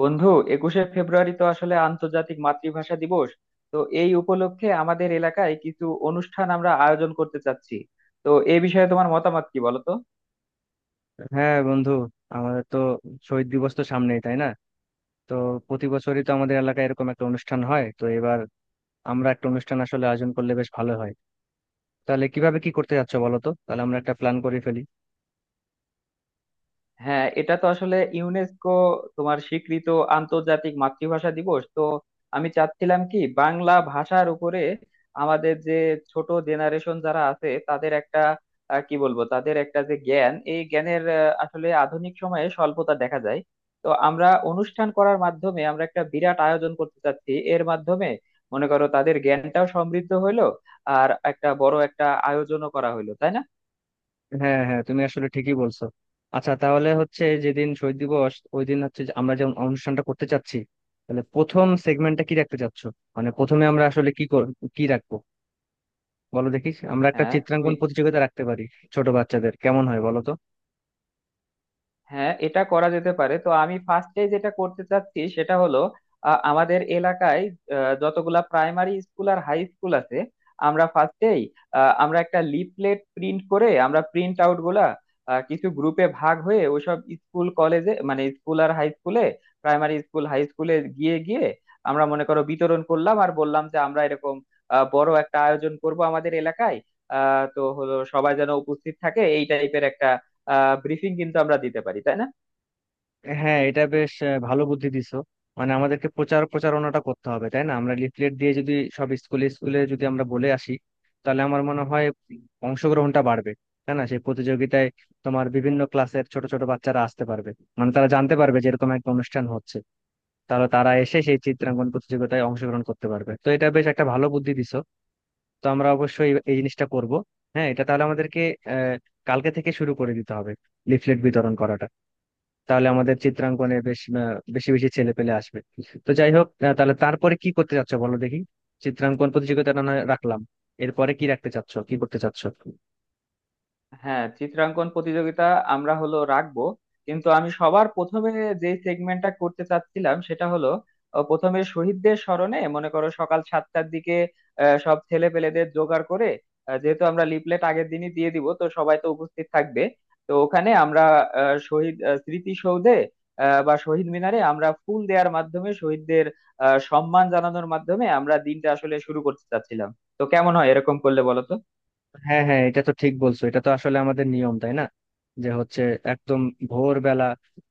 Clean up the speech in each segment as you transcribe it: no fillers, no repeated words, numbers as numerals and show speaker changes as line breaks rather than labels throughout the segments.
বন্ধু, একুশে ফেব্রুয়ারি তো আসলে আন্তর্জাতিক মাতৃভাষা দিবস। তো এই উপলক্ষে আমাদের এলাকায় কিছু অনুষ্ঠান আমরা আয়োজন করতে চাচ্ছি। তো এই বিষয়ে তোমার মতামত কি, বলো তো?
হ্যাঁ বন্ধু, আমাদের তো শহীদ দিবস তো সামনেই, তাই না? তো প্রতি বছরই তো আমাদের এলাকায় এরকম একটা অনুষ্ঠান হয়, তো এবার আমরা একটা অনুষ্ঠান আসলে আয়োজন করলে বেশ ভালো হয়। তাহলে কিভাবে কি করতে যাচ্ছ বলো তো, তাহলে আমরা একটা প্ল্যান করে ফেলি।
হ্যাঁ, এটা তো আসলে ইউনেস্কো তোমার স্বীকৃত আন্তর্জাতিক মাতৃভাষা দিবস তো। আমি চাচ্ছিলাম কি, বাংলা ভাষার উপরে আমাদের যে ছোট জেনারেশন যারা আছে তাদের একটা কি বলবো, তাদের একটা যে জ্ঞান, এই জ্ঞানের আসলে আধুনিক সময়ে স্বল্পতা দেখা যায়। তো আমরা অনুষ্ঠান করার মাধ্যমে আমরা একটা বিরাট আয়োজন করতে চাচ্ছি, এর মাধ্যমে মনে করো তাদের জ্ঞানটাও সমৃদ্ধ হইলো আর একটা বড় একটা আয়োজনও করা হইলো, তাই না?
হ্যাঁ হ্যাঁ, তুমি আসলে ঠিকই বলছো। আচ্ছা, তাহলে হচ্ছে যেদিন শহীদ দিবস ওই দিন হচ্ছে যে আমরা যেমন অনুষ্ঠানটা করতে চাচ্ছি, তাহলে প্রথম সেগমেন্টটা কি রাখতে চাচ্ছ? মানে প্রথমে আমরা আসলে কি রাখবো, বলো দেখিস। আমরা একটা
হ্যাঁ তুমি।
চিত্রাঙ্কন প্রতিযোগিতা রাখতে পারি ছোট বাচ্চাদের, কেমন হয় বলো তো?
হ্যাঁ, এটা করা যেতে পারে। তো আমি ফার্স্টে যেটা করতে চাচ্ছি সেটা হলো, আমাদের এলাকায় যতগুলা প্রাইমারি স্কুল আর হাই স্কুল আছে, আমরা ফার্স্টেই আমরা একটা লিফলেট প্রিন্ট করে আমরা প্রিন্ট আউট গুলা কিছু গ্রুপে ভাগ হয়ে ওইসব স্কুল কলেজে, মানে স্কুল আর হাই স্কুলে, প্রাইমারি স্কুল হাই স্কুলে গিয়ে গিয়ে আমরা মনে করো বিতরণ করলাম আর বললাম যে আমরা এরকম বড় একটা আয়োজন করব আমাদের এলাকায়। তো হলো, সবাই যেন উপস্থিত থাকে, এই টাইপের একটা ব্রিফিং কিন্তু আমরা দিতে পারি, তাই না?
হ্যাঁ, এটা বেশ ভালো বুদ্ধি দিছো। মানে আমাদেরকে প্রচার প্রচারণাটা করতে হবে, তাই না? আমরা লিফলেট দিয়ে যদি সব স্কুলে স্কুলে যদি আমরা বলে আসি, তাহলে আমার মনে হয় অংশগ্রহণটা বাড়বে, তাই না, সেই প্রতিযোগিতায়। তোমার বিভিন্ন ক্লাসের ছোট ছোট বাচ্চারা আসতে পারবে, মানে তারা জানতে পারবে যে এরকম একটা অনুষ্ঠান হচ্ছে, তাহলে তারা এসে সেই চিত্রাঙ্কন প্রতিযোগিতায় অংশগ্রহণ করতে পারবে। তো এটা বেশ একটা ভালো বুদ্ধি দিছো, তো আমরা অবশ্যই এই জিনিসটা করব। হ্যাঁ, এটা তাহলে আমাদেরকে আহ কালকে থেকে শুরু করে দিতে হবে, লিফলেট বিতরণ করাটা। তাহলে আমাদের চিত্রাঙ্কনে বেশ বেশি বেশি ছেলে পেলে আসবে। তো যাই হোক, তাহলে তারপরে কি করতে চাচ্ছ বলো দেখি। চিত্রাঙ্কন প্রতিযোগিতা না হয় রাখলাম, এরপরে কি রাখতে চাচ্ছ, কি করতে চাচ্ছ?
হ্যাঁ, চিত্রাঙ্কন প্রতিযোগিতা আমরা হলো রাখবো, কিন্তু আমি সবার প্রথমে যে সেগমেন্টটা করতে চাচ্ছিলাম সেটা হলো, প্রথমে শহীদদের স্মরণে, মনে করো সকাল সাতটার দিকে সব ছেলে পেলেদের জোগাড় করে, যেহেতু আমরা লিফলেট আগের দিনই দিয়ে দিব তো সবাই তো উপস্থিত থাকবে, তো ওখানে আমরা শহীদ স্মৃতিসৌধে বা শহীদ মিনারে আমরা ফুল দেওয়ার মাধ্যমে শহীদদের সম্মান জানানোর মাধ্যমে আমরা দিনটা আসলে শুরু করতে চাচ্ছিলাম। তো কেমন হয় এরকম করলে, বলো তো?
হ্যাঁ হ্যাঁ, এটা তো ঠিক বলছো, এটা তো আসলে আমাদের নিয়ম, তাই না? যে হচ্ছে একদম ভোরবেলা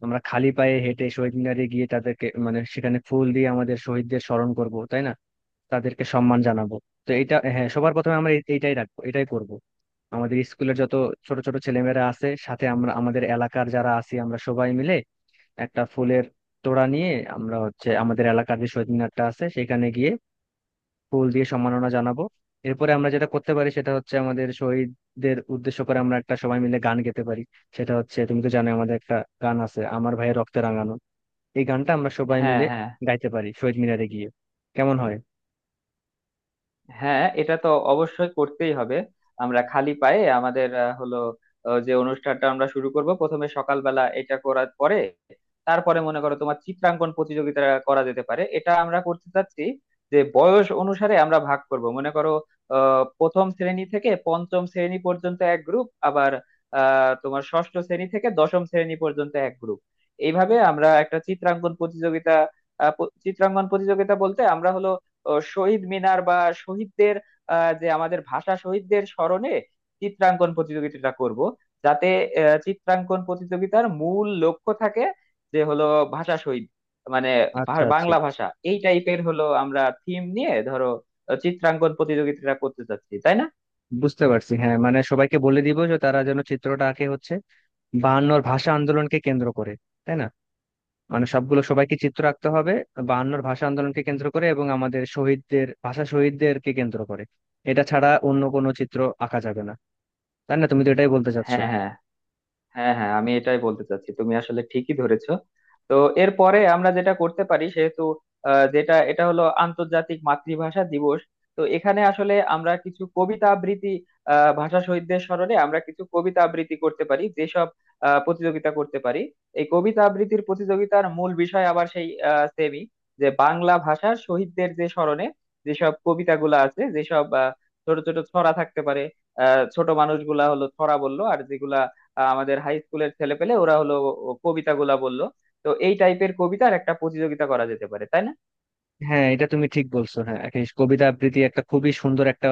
আমরা খালি পায়ে হেঁটে শহীদ মিনারে গিয়ে তাদেরকে, মানে সেখানে ফুল দিয়ে আমাদের শহীদদের স্মরণ করব, তাই না, তাদেরকে সম্মান জানাবো। তো এটা, হ্যাঁ, সবার প্রথমে আমরা এইটাই রাখবো, এটাই করব। আমাদের স্কুলের যত ছোট ছোট ছেলেমেয়েরা আছে, সাথে আমরা আমাদের এলাকার যারা আছি আমরা সবাই মিলে একটা ফুলের তোড়া নিয়ে আমরা হচ্ছে আমাদের এলাকার যে শহীদ মিনারটা আছে সেখানে গিয়ে ফুল দিয়ে সম্মাননা জানাবো। এরপরে আমরা যেটা করতে পারি সেটা হচ্ছে আমাদের শহীদদের উদ্দেশ্য করে আমরা একটা সবাই মিলে গান গেতে পারি। সেটা হচ্ছে তুমি তো জানো আমাদের একটা গান আছে, আমার ভাইয়ের রক্তে রাঙানো, এই গানটা আমরা সবাই
হ্যাঁ,
মিলে
হ্যাঁ,
গাইতে পারি শহীদ মিনারে গিয়ে। কেমন হয়?
হ্যাঁ, এটা তো অবশ্যই করতেই হবে। আমরা খালি পায়ে আমাদের হলো যে অনুষ্ঠানটা আমরা শুরু করব প্রথমে সকালবেলা, এটা করার পরে তারপরে মনে করো তোমার চিত্রাঙ্কন প্রতিযোগিতা করা যেতে পারে, এটা আমরা করতে চাচ্ছি। যে বয়স অনুসারে আমরা ভাগ করব মনে করো, প্রথম শ্রেণী থেকে পঞ্চম শ্রেণী পর্যন্ত এক গ্রুপ, আবার তোমার ষষ্ঠ শ্রেণী থেকে দশম শ্রেণী পর্যন্ত এক গ্রুপ। এইভাবে আমরা একটা চিত্রাঙ্কন প্রতিযোগিতা চিত্রাঙ্কন প্রতিযোগিতা বলতে আমরা হলো ও শহীদ মিনার বা শহীদদের যে আমাদের ভাষা শহীদদের স্মরণে চিত্রাঙ্কন প্রতিযোগিতাটা করব, যাতে চিত্রাঙ্কন প্রতিযোগিতার মূল লক্ষ্য থাকে যে হলো ভাষা শহীদ, মানে
আচ্ছা আচ্ছা,
বাংলা ভাষা, এই টাইপের হলো আমরা থিম নিয়ে ধরো চিত্রাঙ্কন প্রতিযোগিতাটা করতে চাচ্ছি, তাই না?
বুঝতে পারছি। হ্যাঁ, মানে সবাইকে বলে দিব যে তারা যেন চিত্রটা আঁকে হচ্ছে বায়ান্নর ভাষা আন্দোলনকে কেন্দ্র করে, তাই না? মানে সবগুলো, সবাইকে চিত্র আঁকতে হবে বায়ান্নর ভাষা আন্দোলনকে কেন্দ্র করে এবং আমাদের শহীদদের, ভাষা শহীদদেরকে কেন্দ্র করে। এটা ছাড়া অন্য কোনো চিত্র আঁকা যাবে না, তাই না, তুমি তো এটাই বলতে চাচ্ছো।
হ্যাঁ, হ্যাঁ, হ্যাঁ, হ্যাঁ, আমি এটাই বলতে চাচ্ছি, তুমি আসলে ঠিকই ধরেছো। তো এরপরে আমরা যেটা করতে পারি, সেহেতু যেটা এটা হলো আন্তর্জাতিক মাতৃভাষা দিবস, তো এখানে আসলে আমরা কিছু কবিতা আবৃত্তি, ভাষা শহীদদের স্মরণে আমরা কিছু কবিতা আবৃত্তি করতে পারি, যেসব প্রতিযোগিতা করতে পারি। এই কবিতা আবৃত্তির প্রতিযোগিতার মূল বিষয় আবার সেই, সেমি, যে বাংলা ভাষার শহীদদের যে স্মরণে যেসব কবিতাগুলো আছে, যেসব ছোট ছোট ছড়া থাকতে পারে, ছোট মানুষগুলা হলো ছড়া বললো, আর যেগুলা আমাদের হাই স্কুলের ছেলে পেলে, ওরা হলো কবিতাগুলা বললো। তো এই টাইপের কবিতার একটা প্রতিযোগিতা করা যেতে পারে, তাই না?
হ্যাঁ, এটা তুমি ঠিক বলছো। হ্যাঁ, একটা কবিতা আবৃত্তি একটা খুবই সুন্দর একটা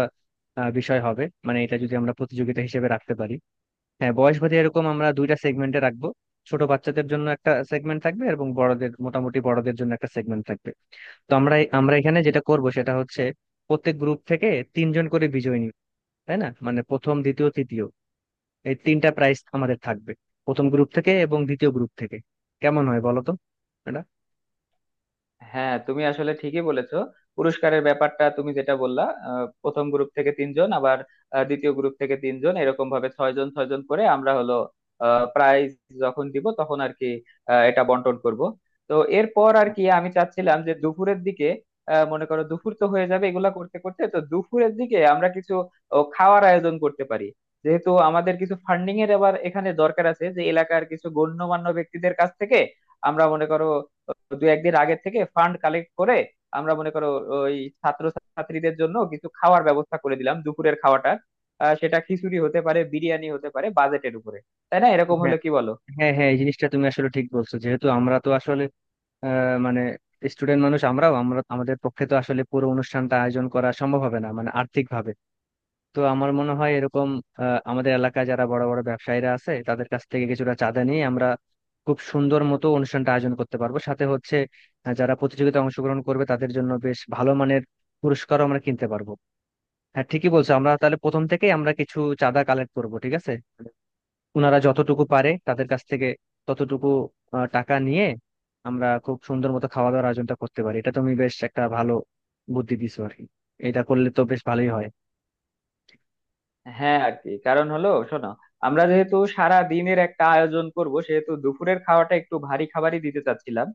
বিষয় হবে, মানে এটা যদি আমরা প্রতিযোগিতা হিসেবে রাখতে পারি। হ্যাঁ, বয়স ভেদে এরকম আমরা দুইটা সেগমেন্টে রাখবো। ছোট বাচ্চাদের জন্য একটা সেগমেন্ট থাকবে এবং বড়দের, মোটামুটি বড়দের জন্য একটা সেগমেন্ট থাকবে। তো আমরা আমরা এখানে যেটা করব সেটা হচ্ছে প্রত্যেক গ্রুপ থেকে তিনজন করে বিজয়ী নিব, তাই না, মানে প্রথম দ্বিতীয় তৃতীয়, এই তিনটা প্রাইজ আমাদের থাকবে, প্রথম গ্রুপ থেকে এবং দ্বিতীয় গ্রুপ থেকে। কেমন হয় বলো তো এটা?
হ্যাঁ, তুমি আসলে ঠিকই বলেছো। পুরস্কারের ব্যাপারটা তুমি যেটা বললা, প্রথম গ্রুপ থেকে তিনজন, আবার দ্বিতীয় গ্রুপ থেকে তিনজন, এরকম ভাবে ছয়জন ছয়জন করে আমরা হলো প্রাইজ যখন দিব তখন আর কি এটা বন্টন করব। তো এরপর আর কি, আমি চাচ্ছিলাম যে দুপুরের দিকে মনে করো দুপুর তো হয়ে যাবে এগুলা করতে করতে, তো দুপুরের দিকে আমরা কিছু খাওয়ার আয়োজন করতে পারি। যেহেতু আমাদের কিছু ফান্ডিং এর আবার এখানে দরকার আছে, যে এলাকার কিছু গণ্যমান্য ব্যক্তিদের কাছ থেকে আমরা মনে করো দু একদিন আগে থেকে ফান্ড কালেক্ট করে আমরা মনে করো ওই ছাত্র ছাত্রীদের জন্য কিছু খাওয়ার ব্যবস্থা করে দিলাম দুপুরের খাওয়াটা। সেটা খিচুড়ি হতে পারে, বিরিয়ানি হতে পারে, বাজেটের উপরে, তাই না? এরকম
হ্যাঁ
হলে কি বলো?
হ্যাঁ হ্যাঁ এই জিনিসটা তুমি আসলে ঠিক বলছো। যেহেতু আমরা তো আসলে মানে স্টুডেন্ট মানুষ, আমরাও আমরা আমাদের পক্ষে তো আসলে পুরো অনুষ্ঠানটা আয়োজন করা সম্ভব হবে না, মানে আর্থিক ভাবে। তো আমার মনে হয় এরকম আমাদের এলাকায় যারা বড় বড় ব্যবসায়ীরা আছে তাদের কাছ থেকে কিছুটা চাঁদা নিয়ে আমরা খুব সুন্দর মতো অনুষ্ঠানটা আয়োজন করতে পারবো। সাথে হচ্ছে যারা প্রতিযোগিতায় অংশগ্রহণ করবে তাদের জন্য বেশ ভালো মানের পুরস্কারও আমরা কিনতে পারবো। হ্যাঁ, ঠিকই বলছো, আমরা তাহলে প্রথম থেকেই আমরা কিছু চাঁদা কালেক্ট করব, ঠিক আছে। ওনারা যতটুকু পারে তাদের কাছ থেকে ততটুকু টাকা নিয়ে আমরা খুব সুন্দর মতো খাওয়া দাওয়ার আয়োজনটা করতে পারি। এটা তুমি বেশ একটা ভালো বুদ্ধি দিছো আর কি, এটা করলে তো বেশ ভালোই হয়।
হ্যাঁ, আর কি, কারণ হলো শোনো, আমরা যেহেতু সারা দিনের একটা আয়োজন করব, সেহেতু দুপুরের খাওয়াটা একটু ভারী খাবারই দিতে চাচ্ছিলাম।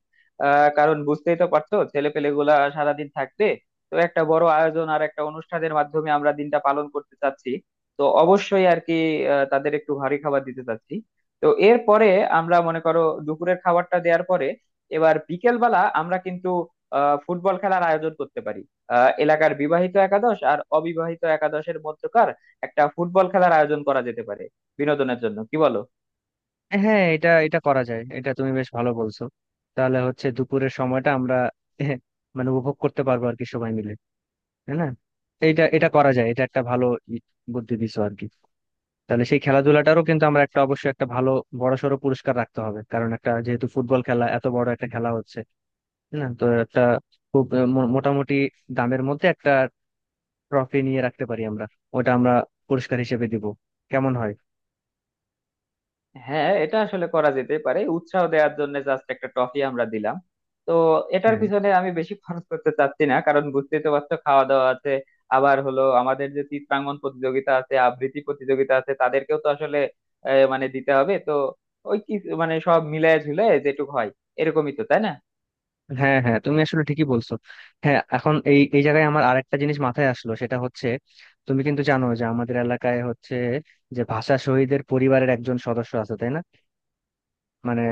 কারণ বুঝতেই তো পারছো ছেলে পেলে গুলা সারাদিন থাকবে, তো একটা বড় আয়োজন আর একটা অনুষ্ঠানের মাধ্যমে আমরা দিনটা পালন করতে চাচ্ছি, তো অবশ্যই আর কি তাদের একটু ভারী খাবার দিতে চাচ্ছি। তো এরপরে আমরা মনে করো দুপুরের খাবারটা দেওয়ার পরে এবার বিকেল বেলা আমরা কিন্তু ফুটবল খেলার আয়োজন করতে পারি। এলাকার বিবাহিত একাদশ আর অবিবাহিত একাদশের মধ্যকার একটা ফুটবল খেলার আয়োজন করা যেতে পারে বিনোদনের জন্য, কি বলো?
হ্যাঁ, এটা এটা করা যায়, এটা তুমি বেশ ভালো বলছো। তাহলে হচ্ছে দুপুরের সময়টা আমরা মানে উপভোগ করতে পারবো আর কি সবাই মিলে, তাই না। এটা এটা করা যায়, এটা একটা ভালো ই- বুদ্ধি দিছো আর কি। তাহলে সেই খেলাধুলাটারও কিন্তু আমরা একটা অবশ্যই একটা ভালো বড়সড় পুরস্কার রাখতে হবে, কারণ একটা যেহেতু ফুটবল খেলা এত বড় একটা খেলা হচ্ছে, তাই না। তো একটা খুব মোটামুটি দামের মধ্যে একটা ট্রফি নিয়ে রাখতে পারি আমরা, ওটা আমরা পুরস্কার হিসেবে দিব। কেমন হয়?
হ্যাঁ, এটা আসলে করা যেতে পারে, উৎসাহ দেওয়ার জন্য জাস্ট একটা ট্রফি আমরা দিলাম। তো এটার
হ্যাঁ
পিছনে আমি বেশি খরচ করতে চাচ্ছি না, কারণ বুঝতেই তো পারছো খাওয়া দাওয়া আছে, আবার হলো আমাদের যে চিত্রাঙ্গন প্রতিযোগিতা আছে, আবৃত্তি প্রতিযোগিতা আছে, তাদেরকেও তো আসলে মানে দিতে হবে তো, ওই কি, মানে সব মিলায় ঝুলে যেটুকু হয় এরকমই তো, তাই না?
হ্যাঁ হ্যাঁ তুমি আসলে ঠিকই বলছো। হ্যাঁ, এখন এই এই জায়গায় আমার আরেকটা জিনিস মাথায় আসলো, সেটা হচ্ছে তুমি কিন্তু জানো যে আমাদের এলাকায় হচ্ছে যে ভাষা শহীদের পরিবারের একজন সদস্য আছে, তাই না। মানে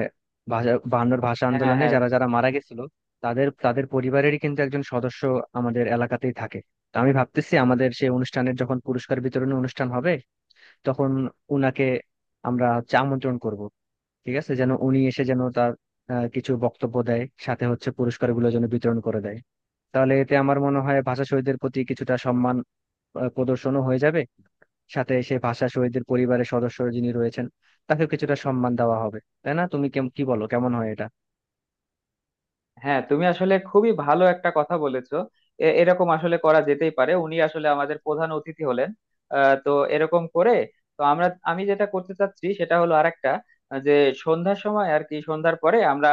ভাষা, বায়ান্নর ভাষা
হ্যাঁ,
আন্দোলনে
হ্যাঁ,
যারা যারা মারা গেছিল তাদের তাদের পরিবারেরই কিন্তু একজন সদস্য আমাদের এলাকাতেই থাকে। তো আমি ভাবতেছি আমাদের সেই অনুষ্ঠানের যখন পুরস্কার বিতরণী অনুষ্ঠান হবে, তখন উনাকে আমরা হচ্ছে আমন্ত্রণ করব, ঠিক আছে, যেন উনি এসে যেন তার কিছু বক্তব্য দেয়, সাথে হচ্ছে পুরস্কারগুলো যেন বিতরণ করে দেয়। তাহলে এতে আমার মনে হয় ভাষা শহীদদের প্রতি কিছুটা সম্মান প্রদর্শনও হয়ে যাবে, সাথে সেই ভাষা শহীদদের পরিবারের সদস্য যিনি রয়েছেন তাকেও কিছুটা সম্মান দেওয়া হবে, তাই না। তুমি কি বলো, কেমন হয় এটা?
হ্যাঁ, তুমি আসলে খুবই ভালো একটা কথা বলেছো। এরকম আসলে করা যেতেই পারে, উনি আসলে আমাদের প্রধান অতিথি হলেন। তো এরকম করে, তো আমরা, আমি যেটা করতে চাচ্ছি সেটা হলো আরেকটা যে সন্ধ্যার সময় আর কি, সন্ধ্যার পরে আমরা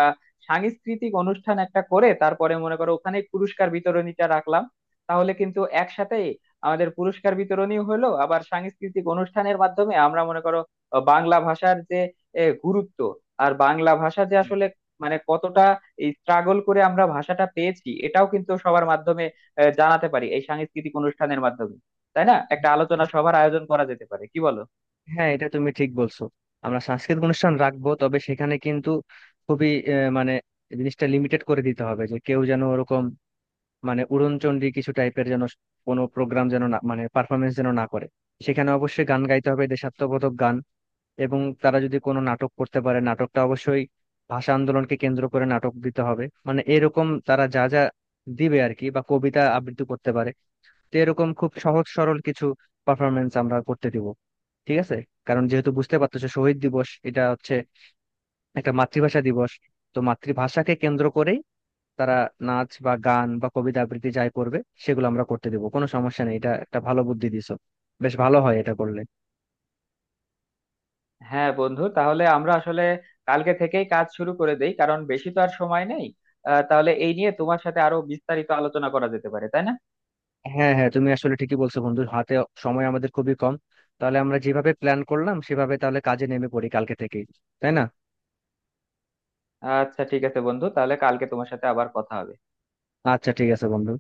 সাংস্কৃতিক অনুষ্ঠান একটা করে তারপরে মনে করো ওখানে পুরস্কার বিতরণীটা রাখলাম, তাহলে কিন্তু একসাথেই আমাদের পুরস্কার বিতরণীও হলো, আবার সাংস্কৃতিক অনুষ্ঠানের মাধ্যমে আমরা মনে করো বাংলা ভাষার যে গুরুত্ব, আর বাংলা ভাষা যে
হুম।
আসলে মানে কতটা এই স্ট্রাগল করে আমরা ভাষাটা পেয়েছি, এটাও কিন্তু সবার মাধ্যমে জানাতে পারি এই সাংস্কৃতিক অনুষ্ঠানের মাধ্যমে, তাই না? একটা আলোচনা সভার আয়োজন করা যেতে পারে, কি বলো?
হ্যাঁ, এটা তুমি ঠিক বলছো। আমরা সাংস্কৃতিক অনুষ্ঠান রাখবো, তবে সেখানে কিন্তু খুবই মানে জিনিসটা লিমিটেড করে দিতে হবে, যে কেউ যেন ওরকম মানে উড়নচণ্ডী কিছু টাইপের যেন কোনো প্রোগ্রাম যেন না, মানে পারফরমেন্স যেন না করে। সেখানে অবশ্যই গান গাইতে হবে দেশাত্মবোধক গান, এবং তারা যদি কোনো নাটক করতে পারে নাটকটা অবশ্যই ভাষা আন্দোলনকে কেন্দ্র করে নাটক দিতে হবে। মানে এরকম তারা যা যা দিবে আর কি, বা কবিতা আবৃত্তি করতে পারে। তো এরকম খুব সহজ সরল কিছু পারফরমেন্স আমরা করতে দিব, ঠিক আছে। কারণ যেহেতু বুঝতে পারতেছো শহীদ দিবস এটা হচ্ছে একটা মাতৃভাষা দিবস, তো মাতৃভাষাকে কেন্দ্র করেই তারা নাচ বা গান বা কবিতা আবৃত্তি যাই করবে সেগুলো আমরা করতে দেবো, কোনো সমস্যা নেই। এটা একটা ভালো বুদ্ধি দিছো, বেশ ভালো হয় এটা করলে।
হ্যাঁ বন্ধু, তাহলে আমরা আসলে কালকে থেকেই কাজ শুরু করে দেই, কারণ বেশি তো আর সময় নেই। তাহলে এই নিয়ে তোমার সাথে আরো বিস্তারিত আলোচনা করা যেতে পারে, তাই না?
হ্যাঁ হ্যাঁ, তুমি আসলে ঠিকই বলছো বন্ধু, হাতে সময় আমাদের খুবই কম। তাহলে আমরা যেভাবে প্ল্যান করলাম সেভাবে তাহলে কাজে নেমে পড়ি কালকে থেকেই, তাই না।
আচ্ছা, ঠিক আছে বন্ধু, তাহলে কালকে তোমার সাথে আবার কথা হবে।
আচ্ছা, ঠিক আছে বন্ধু।